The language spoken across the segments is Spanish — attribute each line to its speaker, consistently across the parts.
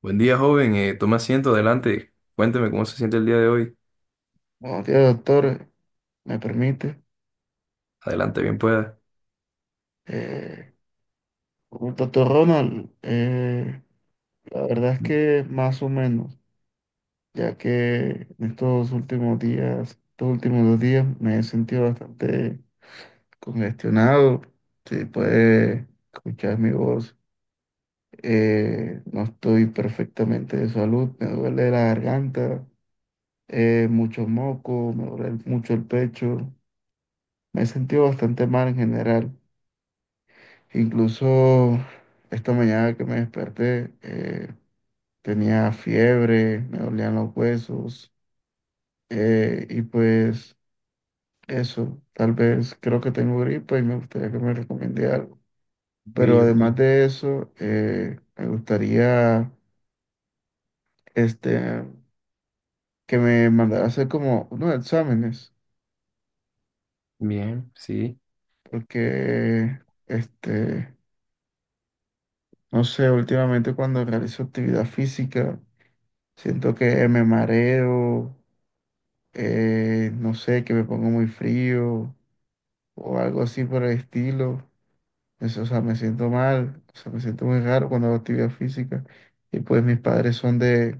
Speaker 1: Buen día, joven. Tome asiento, adelante. Cuénteme cómo se siente el día de hoy.
Speaker 2: Buenos días, doctor. ¿Me permite?
Speaker 1: Adelante, bien pueda.
Speaker 2: Eh, doctor Ronald, la verdad es que más o menos, ya que en estos últimos 2 días, me he sentido bastante congestionado. Si puede escuchar mi voz, no estoy perfectamente de salud, me duele la garganta, mucho moco, me duele mucho el pecho. Me he sentido bastante mal en general. Incluso esta mañana que me desperté, tenía fiebre, me dolían los huesos, y pues eso, tal vez creo que tengo gripa y me gustaría que me recomiende algo.
Speaker 1: Y
Speaker 2: Pero
Speaker 1: yo,
Speaker 2: además de eso, me gustaría este, que me mandara a hacer como unos exámenes,
Speaker 1: Bien, sí.
Speaker 2: porque este, no sé, últimamente cuando realizo actividad física, siento que me mareo, no sé, que me pongo muy frío o algo así por el estilo. Eso, o sea, me siento mal, o sea, me siento muy raro cuando hago actividad física. Y pues mis padres son de,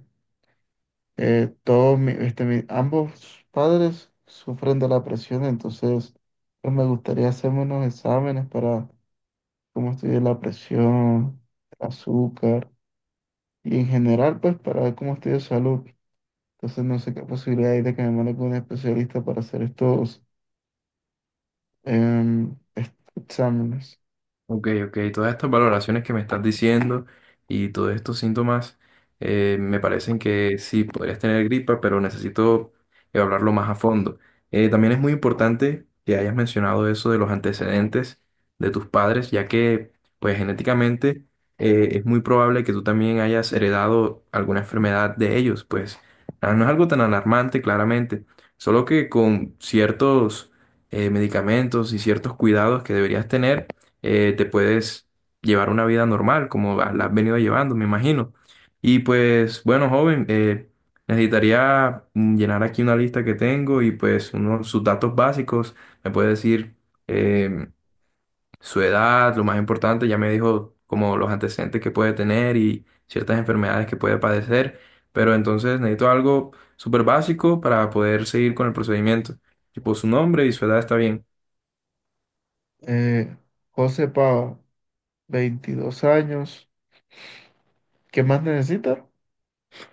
Speaker 2: todos, mi- este, mi- ambos padres sufren de la presión, entonces pues me gustaría hacerme unos exámenes para cómo estoy de la presión, azúcar y en general pues para ver cómo estoy de salud. Entonces no sé qué posibilidad hay de que me mande con un especialista para hacer estos exámenes.
Speaker 1: Ok, ok, todas estas valoraciones que me estás diciendo y todos estos síntomas me parecen que sí, podrías tener gripa, pero necesito evaluarlo más a fondo. También es muy importante que hayas mencionado eso de los antecedentes de tus padres, ya que pues genéticamente es muy probable que tú también hayas heredado alguna enfermedad de ellos. Pues no es algo tan alarmante claramente, solo que con ciertos medicamentos y ciertos cuidados que deberías tener, te puedes llevar una vida normal, como la has venido llevando, me imagino. Y pues, bueno, joven, necesitaría llenar aquí una lista que tengo y pues uno, sus datos básicos. Me puede decir eh, su edad, lo más importante. Ya me dijo como los antecedentes que puede tener y ciertas enfermedades que puede padecer, pero entonces necesito algo súper básico para poder seguir con el procedimiento. Tipo, su nombre y su edad está bien.
Speaker 2: Eh, José Pava, 22 años. ¿Qué más necesita?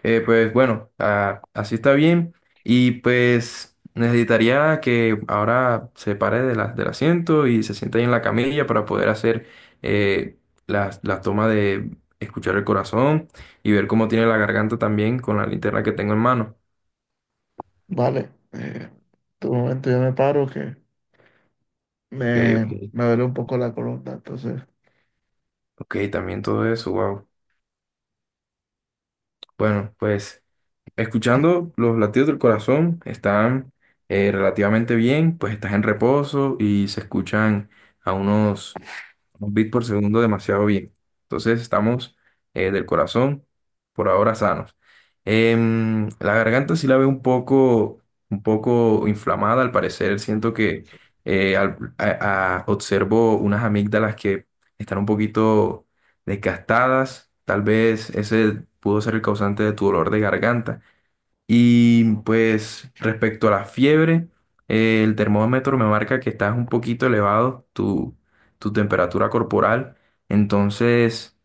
Speaker 1: Pues bueno, así está bien. Y pues necesitaría que ahora se pare de del asiento y se siente ahí en la camilla para poder hacer eh, toma de escuchar el corazón y ver cómo tiene la garganta también con la linterna que tengo en mano.
Speaker 2: Vale. Tu momento yo me paro que
Speaker 1: Ok, ok,
Speaker 2: me duele un poco la columna. Entonces,
Speaker 1: ok, también todo eso, wow. Bueno, pues escuchando los latidos del corazón están relativamente bien. Pues estás en reposo y se escuchan a unos un bit por segundo demasiado bien. Entonces estamos del corazón por ahora sanos. La garganta sí la veo un poco inflamada, al parecer. Siento que observo unas amígdalas que están un poquito desgastadas. Tal vez ese pudo ser el causante de tu dolor de garganta. Y pues respecto a la fiebre, el termómetro me marca que estás un poquito elevado tu temperatura corporal. Entonces,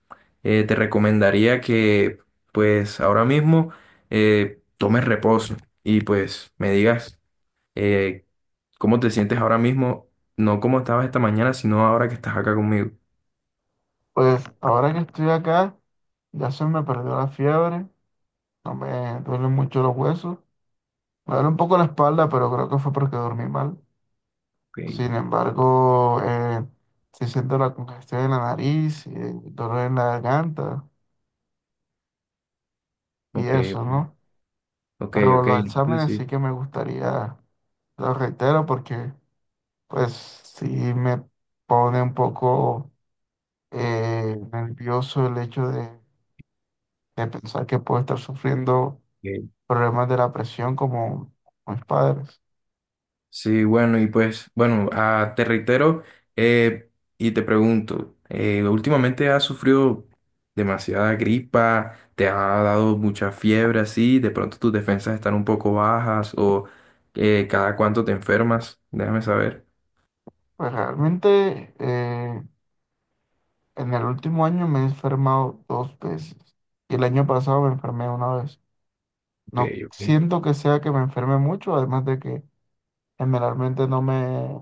Speaker 1: te recomendaría que pues ahora mismo tomes reposo y pues me digas eh, cómo te sientes ahora mismo, no cómo estabas esta mañana, sino ahora que estás acá conmigo.
Speaker 2: pues ahora que estoy acá, ya se me perdió la fiebre. No me duelen mucho los huesos. Me duele un poco la espalda, pero creo que fue porque dormí mal.
Speaker 1: Ok,
Speaker 2: Sin embargo, sí siento la congestión en la nariz, dolor en la garganta y
Speaker 1: ok,
Speaker 2: eso, ¿no?
Speaker 1: ok,
Speaker 2: Pero
Speaker 1: ok,
Speaker 2: los exámenes
Speaker 1: entonces
Speaker 2: sí que me gustaría, lo reitero, porque pues sí me pone un poco nervioso el hecho de pensar que puedo estar sufriendo
Speaker 1: sí.
Speaker 2: problemas de la presión como mis padres.
Speaker 1: Sí, bueno, y pues, bueno, te reitero eh, y te pregunto, últimamente has sufrido demasiada gripa, te ha dado mucha fiebre así, de pronto tus defensas están un poco bajas o cada cuánto te enfermas, déjame saber.
Speaker 2: Pues realmente, en el último año me he enfermado dos veces y el año pasado me enfermé una vez.
Speaker 1: Ok,
Speaker 2: No
Speaker 1: ok.
Speaker 2: siento que sea que me enferme mucho, además de que generalmente no me,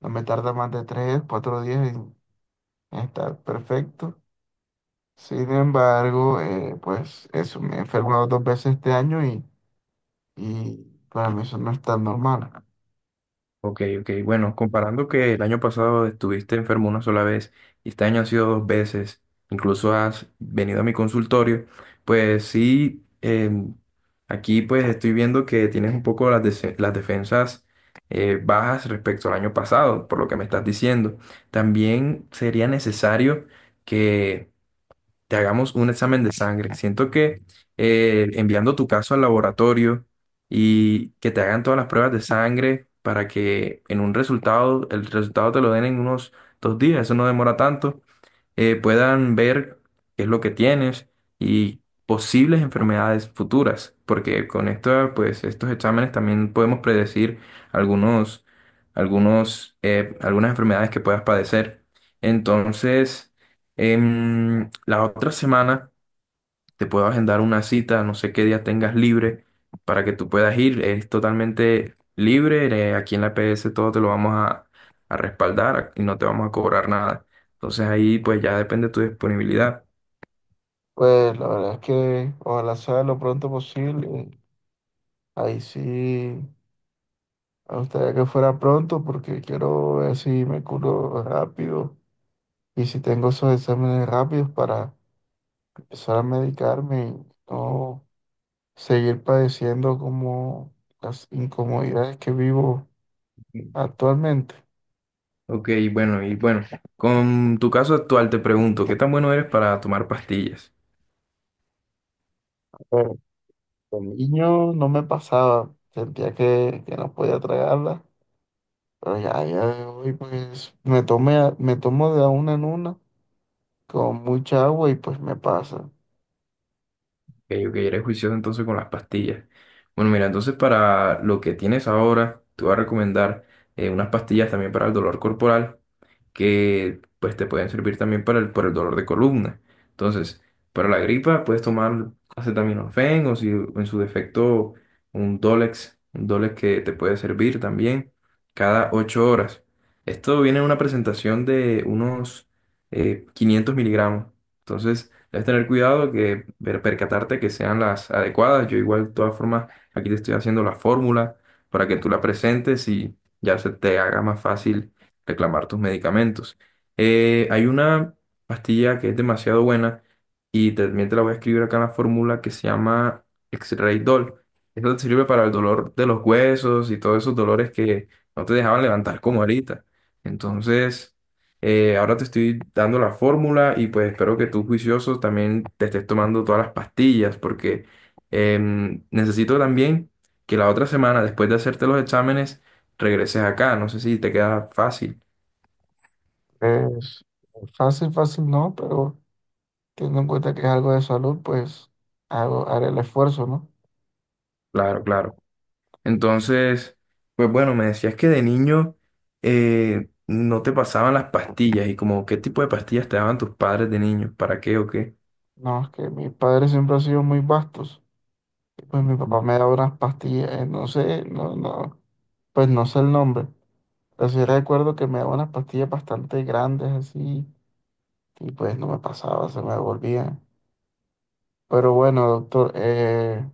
Speaker 2: no me tarda más de 3, 4 días. Está perfecto. Sin embargo, pues eso, me he enfermado dos veces este año, y para mí eso no es tan normal.
Speaker 1: Ok, ok. Bueno, comparando que el año pasado estuviste enfermo 1 sola vez y este año ha sido 2 veces, incluso has venido a mi consultorio, pues sí, aquí pues estoy viendo que tienes un poco las defensas bajas respecto al año pasado, por lo que me estás diciendo. También sería necesario que te hagamos un examen de sangre. Siento que enviando tu caso al laboratorio y que te hagan todas las pruebas de sangre para que en un resultado, el resultado te lo den en unos 2 días, eso no demora tanto. Puedan ver qué es lo que tienes y posibles enfermedades futuras, porque con esto, pues, estos exámenes también podemos predecir algunos, algunos, algunas enfermedades que puedas padecer. Entonces, la otra semana te puedo agendar una cita, no sé qué día tengas libre, para que tú puedas ir. Es totalmente libre, aquí en la PS todo te lo vamos a respaldar y no te vamos a cobrar nada. Entonces ahí pues ya depende de tu disponibilidad.
Speaker 2: Pues la verdad es que ojalá sea lo pronto posible. Ahí sí, me gustaría que fuera pronto porque quiero ver si me curo rápido y si tengo esos exámenes rápidos para empezar a medicarme y no seguir padeciendo como las incomodidades que vivo actualmente.
Speaker 1: Ok, bueno, y bueno, con tu caso actual te pregunto, ¿qué tan bueno eres para tomar pastillas?
Speaker 2: Con niño no me pasaba, sentía que no podía tragarla, pero ya, ya hoy pues me tomo de a una en una con mucha agua y pues me pasa.
Speaker 1: Ok, ok, eres juicioso entonces con las pastillas. Bueno, mira, entonces para lo que tienes ahora, te voy a recomendar unas pastillas también para el dolor corporal, que pues te pueden servir también para para el dolor de columna. Entonces, para la gripa puedes tomar acetaminofén o si en su defecto un Dolex que te puede servir también cada 8 horas. Esto viene en una presentación de unos 500 miligramos. Entonces, debes tener cuidado que percatarte que sean las adecuadas. Yo igual, de todas formas, aquí te estoy haciendo la fórmula para que tú la presentes y ya se te haga más fácil reclamar tus medicamentos. Hay una pastilla que es demasiado buena y también te la voy a escribir acá en la fórmula, que se llama X-Ray Doll. Esto te sirve para el dolor de los huesos y todos esos dolores que no te dejaban levantar como ahorita. Entonces, ahora te estoy dando la fórmula y pues espero que tú juicioso también te estés tomando todas las pastillas, porque necesito también que la otra semana, después de hacerte los exámenes, regreses acá. No sé si te queda fácil.
Speaker 2: Es fácil, fácil no, pero teniendo en cuenta que es algo de salud, pues haré el esfuerzo, ¿no?
Speaker 1: Claro, claro. Entonces, pues bueno, me decías que de niño no te pasaban las pastillas. ¿Y como qué tipo de pastillas te daban tus padres de niño, para qué o qué?
Speaker 2: No, es que mis padres siempre han sido muy vastos, y pues mi papá me daba unas pastillas, no sé, no, no, pues no sé el nombre, pero sí recuerdo que me daba unas pastillas bastante grandes así y pues no me pasaba, se me devolvía. Pero bueno, doctor,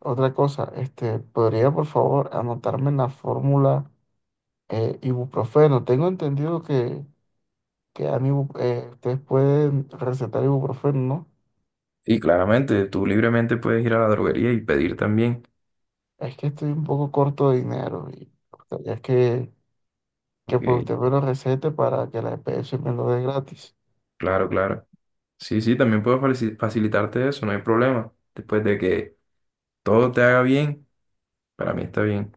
Speaker 2: otra cosa, ¿podría por favor anotarme en la fórmula ibuprofeno? Tengo entendido que, ustedes pueden recetar ibuprofeno, ¿no?
Speaker 1: Y claramente, tú libremente puedes ir a la droguería y pedir también.
Speaker 2: Es que estoy un poco corto de dinero y me gustaría que
Speaker 1: Ok,
Speaker 2: pues usted me lo recete para que la EPS me lo dé gratis.
Speaker 1: claro, claro. Sí, sí, también puedo facilitarte eso, no hay problema. Después de que todo te haga bien, para mí está bien.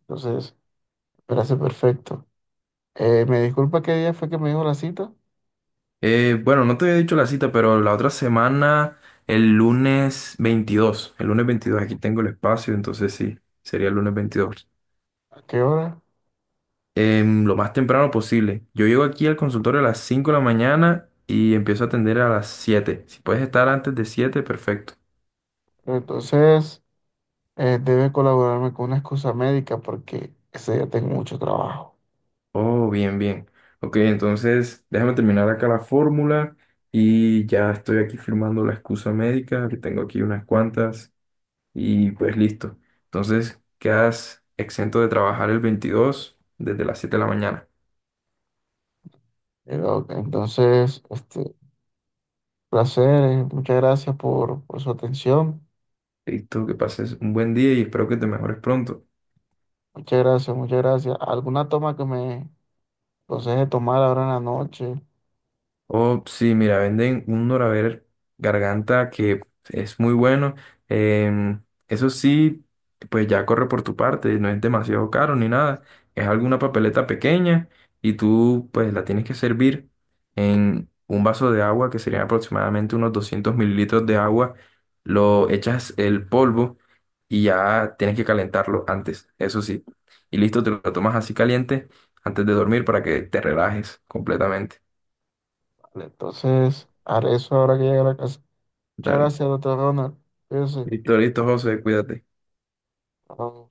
Speaker 2: Entonces, me hace perfecto. ¿Me disculpa qué día fue que me dijo la cita?
Speaker 1: Bueno, no te había dicho la cita, pero la otra semana, el lunes 22, el lunes 22 aquí tengo el espacio, entonces sí, sería el lunes 22.
Speaker 2: ¿A qué hora?
Speaker 1: Lo más temprano posible. Yo llego aquí al consultorio a las 5 de la mañana y empiezo a atender a las siete. Si puedes estar antes de 7, perfecto.
Speaker 2: Entonces, debe colaborarme con una excusa médica porque ese día tengo mucho trabajo.
Speaker 1: Oh, bien, bien. Ok, entonces déjame terminar acá la fórmula y ya estoy aquí firmando la excusa médica, que tengo aquí unas cuantas. Y pues listo. Entonces quedas exento de trabajar el 22 desde las 7 de la mañana.
Speaker 2: Doc, entonces, placer, muchas gracias por su atención.
Speaker 1: Listo, que pases un buen día y espero que te mejores pronto.
Speaker 2: Muchas gracias, muchas gracias. ¿Alguna toma que me aconseje tomar ahora en la noche?
Speaker 1: Oh, sí, mira, venden un Doraver garganta que es muy bueno. Em, Eso sí, pues ya corre por tu parte, no es demasiado caro ni nada. Es alguna papeleta pequeña y tú pues la tienes que servir en un vaso de agua, que serían aproximadamente unos 200 mililitros de agua. Lo echas el polvo y ya tienes que calentarlo antes, eso sí. Y listo, te lo tomas así caliente antes de dormir para que te relajes completamente.
Speaker 2: Vale, entonces, haré eso ahora que llegue a la casa. Muchas
Speaker 1: Dale.
Speaker 2: gracias, doctor Ronald. Cuídese.
Speaker 1: Listo, listo, José, cuídate.
Speaker 2: Chao.